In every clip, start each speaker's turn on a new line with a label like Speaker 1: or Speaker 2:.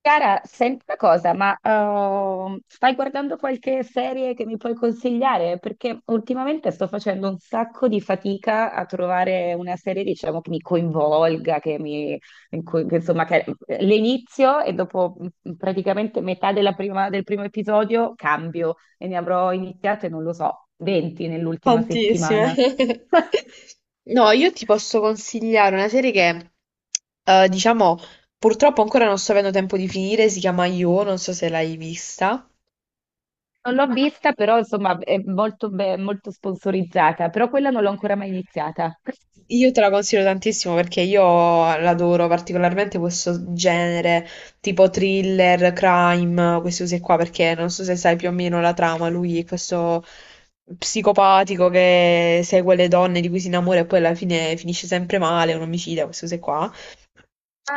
Speaker 1: Chiara, senti una cosa, ma stai guardando qualche serie che mi puoi consigliare? Perché ultimamente sto facendo un sacco di fatica a trovare una serie, diciamo, che mi coinvolga, che mi, in cui- che, insomma, che l'inizio e dopo praticamente metà del primo episodio cambio e ne avrò iniziate, non lo so, 20 nell'ultima
Speaker 2: Tantissime.
Speaker 1: settimana.
Speaker 2: No, io ti posso consigliare una serie che, diciamo, purtroppo ancora non sto avendo tempo di finire, si chiama Io, non so se l'hai vista.
Speaker 1: Non l'ho vista, però insomma è molto, molto sponsorizzata, però quella non l'ho ancora mai iniziata.
Speaker 2: Io te la consiglio tantissimo perché io l'adoro particolarmente questo genere tipo thriller, crime, questi usi qua perché non so se sai più o meno la trama, lui è questo psicopatico che segue le donne di cui si innamora e poi alla fine finisce sempre male, è un omicida, queste cose qua.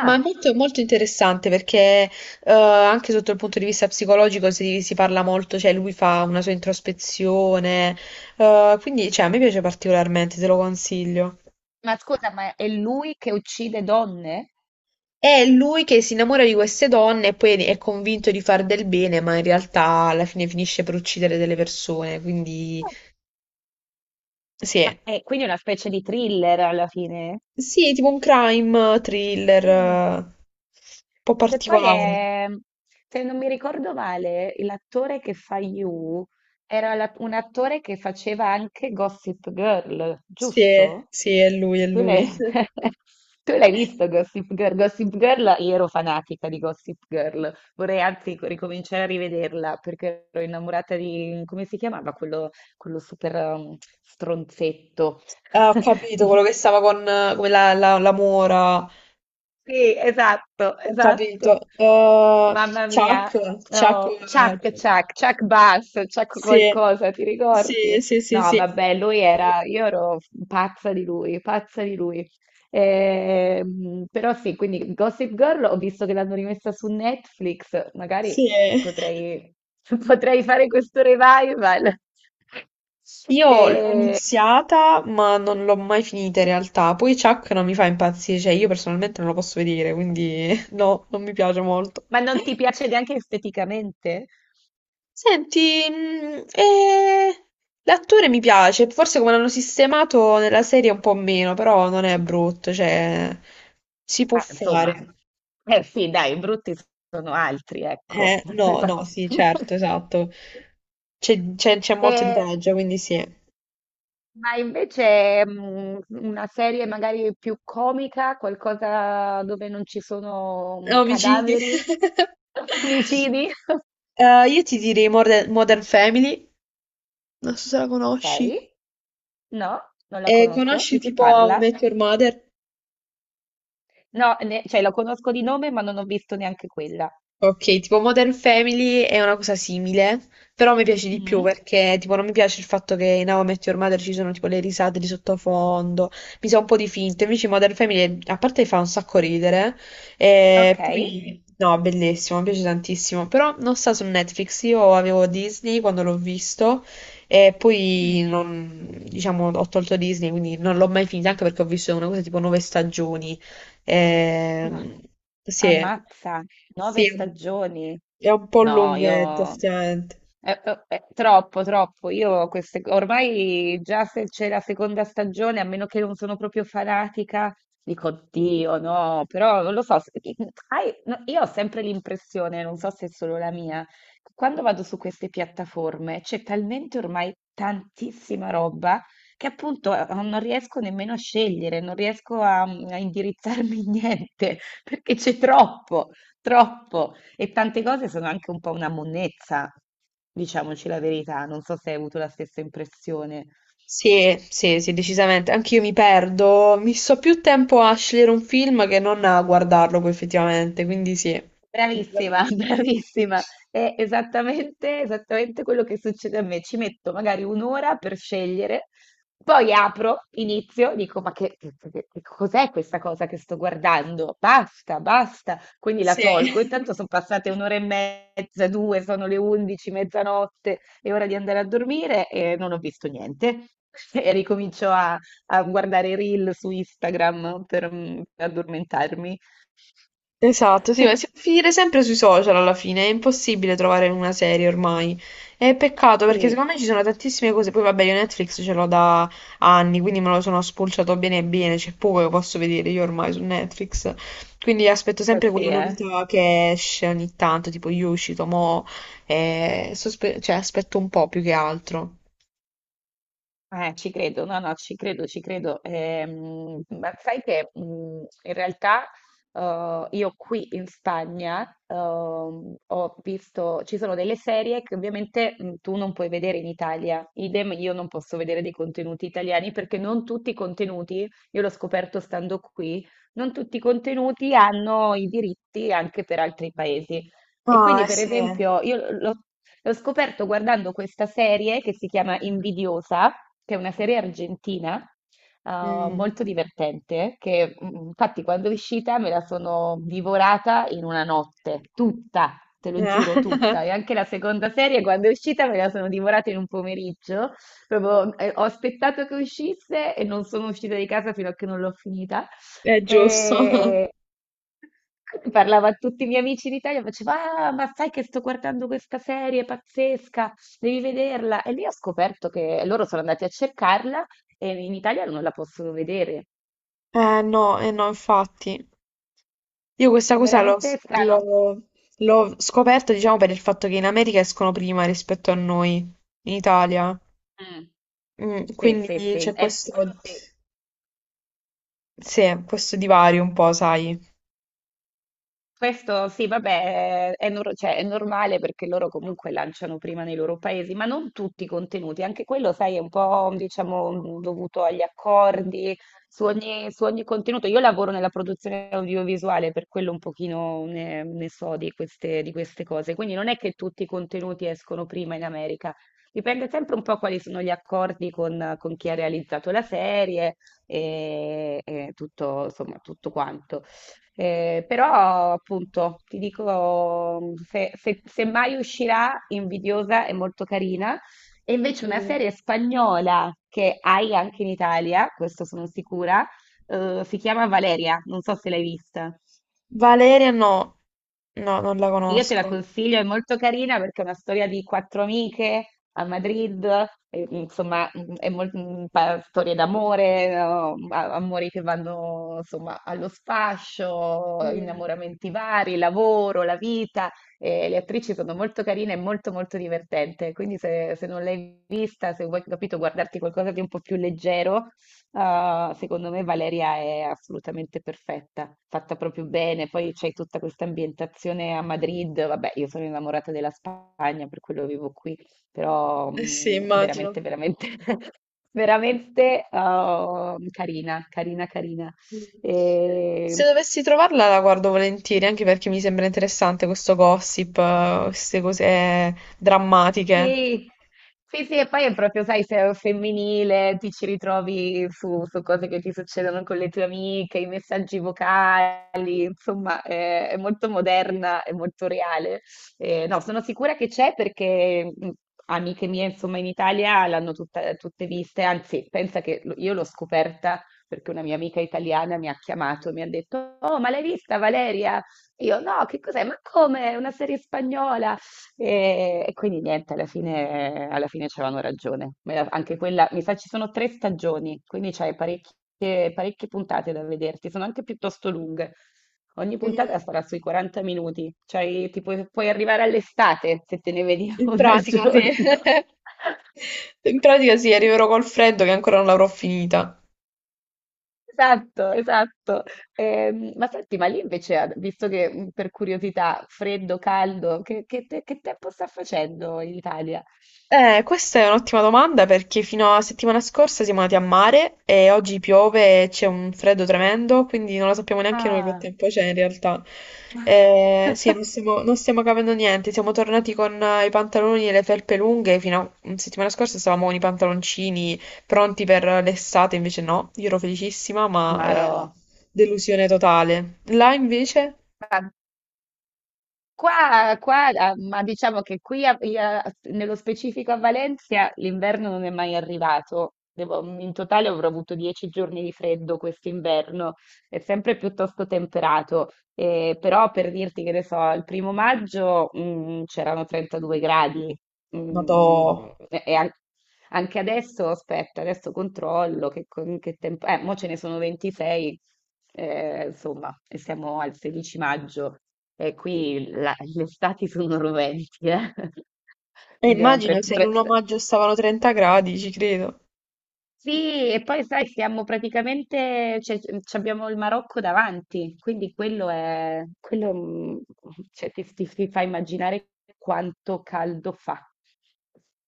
Speaker 2: Ma è molto, molto interessante perché anche sotto il punto di vista psicologico si parla molto, cioè lui fa una sua introspezione, quindi cioè, a me piace particolarmente, te lo consiglio.
Speaker 1: Ma scusa, ma è lui che uccide donne?
Speaker 2: È lui che si innamora di queste donne e poi è convinto di far del bene, ma in realtà alla fine finisce per uccidere delle persone, quindi sì,
Speaker 1: Ah,
Speaker 2: è-
Speaker 1: e quindi è una specie di thriller alla fine.
Speaker 2: sì, è tipo un crime thriller,
Speaker 1: Mm.
Speaker 2: un po'
Speaker 1: E poi
Speaker 2: particolare.
Speaker 1: è, se non mi ricordo male, l'attore che fa You era un attore che faceva anche Gossip Girl,
Speaker 2: Sì, è-
Speaker 1: giusto?
Speaker 2: sì, è lui, è
Speaker 1: Tu l'hai
Speaker 2: lui.
Speaker 1: tu l'hai visto Gossip Girl? Gossip Girl, io ero fanatica di Gossip Girl, vorrei anzi ricominciare a rivederla perché ero innamorata di, come si chiamava, quello super stronzetto.
Speaker 2: Ah, ho capito quello che stava con, come la mora,
Speaker 1: Sì, esatto,
Speaker 2: ho capito.
Speaker 1: esatto. Mamma mia.
Speaker 2: Chuck, Chuck,
Speaker 1: Oh, Chuck, Chuck, Chuck Bass, Chuck
Speaker 2: sì,
Speaker 1: qualcosa, ti ricordi?
Speaker 2: sì, sì, sì,
Speaker 1: No,
Speaker 2: sì.
Speaker 1: vabbè, lui era, io ero pazza di lui, pazza di lui.
Speaker 2: Mm,
Speaker 1: Però sì, quindi Gossip Girl ho visto che l'hanno rimessa su Netflix, magari
Speaker 2: sì.
Speaker 1: potrei, potrei fare questo revival.
Speaker 2: Io l'ho
Speaker 1: Eh,
Speaker 2: iniziata, ma non l'ho mai finita in realtà. Poi Chuck non mi fa impazzire, cioè io personalmente non lo posso vedere, quindi no, non mi piace molto.
Speaker 1: ma non ti piace neanche esteticamente?
Speaker 2: Senti, l'attore mi piace, forse come l'hanno sistemato nella serie un po' meno, però non è brutto, cioè si può
Speaker 1: Insomma,
Speaker 2: fare.
Speaker 1: eh sì dai, brutti sono altri, ecco.
Speaker 2: No,
Speaker 1: Esa
Speaker 2: no, sì, certo, esatto. C'è molto di
Speaker 1: Ehm,
Speaker 2: peggio, quindi sì.
Speaker 1: ma invece, una serie magari più comica, qualcosa dove non ci sono
Speaker 2: Omicidi.
Speaker 1: cadaveri, omicidi?
Speaker 2: Io ti direi Modern Family. Non so se la conosci.
Speaker 1: Okay. No, non la
Speaker 2: E
Speaker 1: conosco.
Speaker 2: conosci
Speaker 1: Di che
Speaker 2: tipo How I
Speaker 1: parla?
Speaker 2: Met Your Mother?
Speaker 1: No, ne cioè la conosco di nome, ma non ho visto neanche quella.
Speaker 2: Ok, tipo Modern Family è una cosa simile, però mi piace di più
Speaker 1: Mh.
Speaker 2: perché tipo non mi piace il fatto che in How I Met Your Mother ci sono tipo le risate di sottofondo, mi sa un po' di finto, invece Modern Family a parte fa un sacco ridere, e
Speaker 1: Okay.
Speaker 2: poi no, bellissimo, mi piace tantissimo, però non sta su Netflix, io avevo Disney quando l'ho visto e poi
Speaker 1: Mh.
Speaker 2: diciamo, ho tolto Disney, quindi non l'ho mai finita anche perché ho visto una cosa tipo 9 stagioni.
Speaker 1: Ah,
Speaker 2: Ehm, sì,
Speaker 1: ammazza, 9
Speaker 2: sì,
Speaker 1: stagioni.
Speaker 2: è un po'
Speaker 1: No,
Speaker 2: lunghetto,
Speaker 1: io...
Speaker 2: effettivamente.
Speaker 1: È troppo, troppo. Ormai già se c'è la seconda stagione, a meno che non sono proprio fanatica, dico: Dio, no, però non lo so. No, io ho sempre l'impressione, non so se è solo la mia, che quando vado su queste piattaforme c'è talmente ormai tantissima roba che appunto non riesco nemmeno a scegliere, non riesco a indirizzarmi in niente, perché c'è troppo, troppo. E tante cose sono anche un po' una monnezza, diciamoci la verità. Non so se hai avuto la stessa impressione.
Speaker 2: Sì, sì, sì, decisamente. Anch'io mi perdo. Mi sto più tempo a scegliere un film che non a guardarlo poi effettivamente, quindi sì. Ti
Speaker 1: Bravissima,
Speaker 2: capisco.
Speaker 1: bravissima. È esattamente, esattamente quello che succede a me. Ci metto magari un'ora per scegliere, poi apro, inizio, dico: Ma che cos'è questa cosa che sto guardando? Basta, basta. Quindi la
Speaker 2: Sì.
Speaker 1: tolgo. Intanto sono passate un'ora e mezza, due, sono le 11, mezzanotte, è ora di andare a dormire e non ho visto niente. E ricomincio a guardare i reel su Instagram per addormentarmi.
Speaker 2: Esatto, sì, ma si può finire sempre sui social alla fine, è impossibile trovare una serie ormai. È peccato perché
Speaker 1: Sì.
Speaker 2: secondo me ci sono tantissime cose, poi vabbè io Netflix ce l'ho da anni, quindi me lo sono spulciato bene bene, c'è poco che posso vedere io ormai su Netflix, quindi aspetto
Speaker 1: Eh
Speaker 2: sempre
Speaker 1: sì,
Speaker 2: quella
Speaker 1: eh.
Speaker 2: novità che esce ogni tanto, tipo io uscito mo, cioè aspetto un po' più che altro.
Speaker 1: Ci credo, no, no, ci credo, ci credo. Ma sai che in realtà io qui in Spagna ho visto, ci sono delle serie che ovviamente tu non puoi vedere in Italia, idem io non posso vedere dei contenuti italiani perché non tutti i contenuti, io l'ho scoperto stando qui, non tutti i contenuti hanno i diritti anche per altri paesi. E
Speaker 2: Ah,
Speaker 1: quindi,
Speaker 2: eh
Speaker 1: per
Speaker 2: sì.
Speaker 1: esempio, io l'ho scoperto guardando questa serie che si chiama Invidiosa, che è una serie argentina, eh,
Speaker 2: Mm.
Speaker 1: molto divertente, infatti quando è uscita me la sono divorata in una notte, tutta, te lo giuro, tutta. E anche la seconda serie quando è uscita me la sono divorata in un pomeriggio. Proprio, ho aspettato che uscisse e non sono uscita di casa fino a che non l'ho finita.
Speaker 2: È giusto.
Speaker 1: E parlava a tutti i miei amici d'Italia, faceva: Ah, ma sai che sto guardando questa serie pazzesca, devi vederla. E lì ho scoperto che loro sono andati a cercarla e in Italia non la possono vedere.
Speaker 2: No, eh no, infatti. Io questa
Speaker 1: È
Speaker 2: cosa
Speaker 1: veramente strano.
Speaker 2: l'ho- l'ho scoperta, diciamo, per il fatto che in America escono prima rispetto a noi, in Italia.
Speaker 1: Mm.
Speaker 2: Mm,
Speaker 1: Sì,
Speaker 2: quindi
Speaker 1: sì, sì.
Speaker 2: c'è
Speaker 1: È quello
Speaker 2: questo,
Speaker 1: sì.
Speaker 2: sì, questo divario un po', sai.
Speaker 1: Questo sì, vabbè, è, nor- cioè, è normale perché loro comunque lanciano prima nei loro paesi, ma non tutti i contenuti, anche quello, sai, è un po', diciamo, dovuto agli accordi, su ogni contenuto. Io lavoro nella produzione audiovisuale, per quello un pochino ne so di queste cose, quindi non è che tutti i contenuti escono prima in America, dipende sempre un po' quali sono gli accordi con chi ha realizzato la serie e tutto, insomma, tutto quanto. Però appunto ti dico, se mai uscirà Invidiosa è molto carina, e invece una
Speaker 2: Mm.
Speaker 1: serie spagnola che hai anche in Italia, questo sono sicura, si chiama Valeria, non so se l'hai vista.
Speaker 2: Valeria no, no, non la
Speaker 1: Io te la
Speaker 2: conosco.
Speaker 1: consiglio, è molto carina perché è una storia di quattro amiche a Madrid, e, insomma, mm, è mol- mm, pa- storie d'amore, no? Amori che vanno insomma allo sfascio,
Speaker 2: Mm.
Speaker 1: innamoramenti vari, lavoro, la vita. E le attrici sono molto carine e molto molto divertente. Quindi se non l'hai vista, se vuoi capito, guardarti qualcosa di un po' più leggero. Secondo me Valeria è assolutamente perfetta, fatta proprio bene. Poi c'è tutta questa ambientazione a Madrid. Vabbè, io sono innamorata della Spagna, per quello vivo qui, però
Speaker 2: Eh sì,
Speaker 1: veramente,
Speaker 2: immagino.
Speaker 1: veramente, veramente carina, carina, carina.
Speaker 2: Mm. Se
Speaker 1: E
Speaker 2: dovessi trovarla la guardo volentieri, anche perché mi sembra interessante questo gossip, queste cose drammatiche.
Speaker 1: sì, sì, sì, e poi è proprio, sai, se è femminile, ti ci ritrovi su cose che ti succedono con le tue amiche, i messaggi vocali, insomma, è molto moderna, è molto reale. No, sono sicura che c'è perché amiche mie, insomma, in Italia l'hanno tutte viste, anzi, pensa che io l'ho scoperta perché una mia amica italiana mi ha chiamato e mi ha detto: Oh, ma l'hai vista Valeria? Io no, che cos'è? Ma come? È una serie spagnola? E quindi niente, alla fine c'avevano ragione. Anche quella, mi sa ci sono tre stagioni, quindi c'hai parecchie, parecchie puntate da vederti, sono anche piuttosto lunghe. Ogni puntata
Speaker 2: Mm.
Speaker 1: sarà sui 40 minuti, cioè puoi arrivare all'estate se te ne vedi
Speaker 2: In
Speaker 1: una al
Speaker 2: pratica, sì.
Speaker 1: giorno.
Speaker 2: In pratica sì, arriverò col freddo che ancora non l'avrò finita.
Speaker 1: Esatto, esatto. Ma senti, ma lì invece, visto che per curiosità, freddo, caldo, che tempo sta facendo in Italia?
Speaker 2: Questa è un'ottima domanda perché fino a settimana scorsa siamo andati a mare e oggi piove e c'è un freddo tremendo, quindi non lo sappiamo neanche noi che
Speaker 1: Ah,
Speaker 2: tempo c'è in realtà. Sì, non stiamo capendo niente, siamo tornati con i pantaloni e le felpe lunghe, fino a settimana scorsa stavamo con i pantaloncini pronti per l'estate, invece no, io ero felicissima, ma
Speaker 1: Maro,
Speaker 2: delusione totale. Là invece,
Speaker 1: ma qua, qua, ma diciamo che qui nello specifico a Valencia l'inverno non è mai arrivato. In totale avrò avuto 10 giorni di freddo quest'inverno, è sempre piuttosto temperato. Però per dirti che ne so, il 1° maggio c'erano 32 gradi.
Speaker 2: noto.
Speaker 1: Mm, e, e an- Anche adesso, aspetta, adesso controllo che tempo. Mo ce ne sono 26, insomma, e siamo al 16 maggio e qui le estati sono roventi, eh.
Speaker 2: E
Speaker 1: Dobbiamo pre-
Speaker 2: immagino se in
Speaker 1: pre-
Speaker 2: un omaggio stavano 30 gradi, ci credo.
Speaker 1: Sì, e poi sai, siamo praticamente, cioè, ci abbiamo il Marocco davanti, quindi quello cioè, ti fa immaginare quanto caldo fa.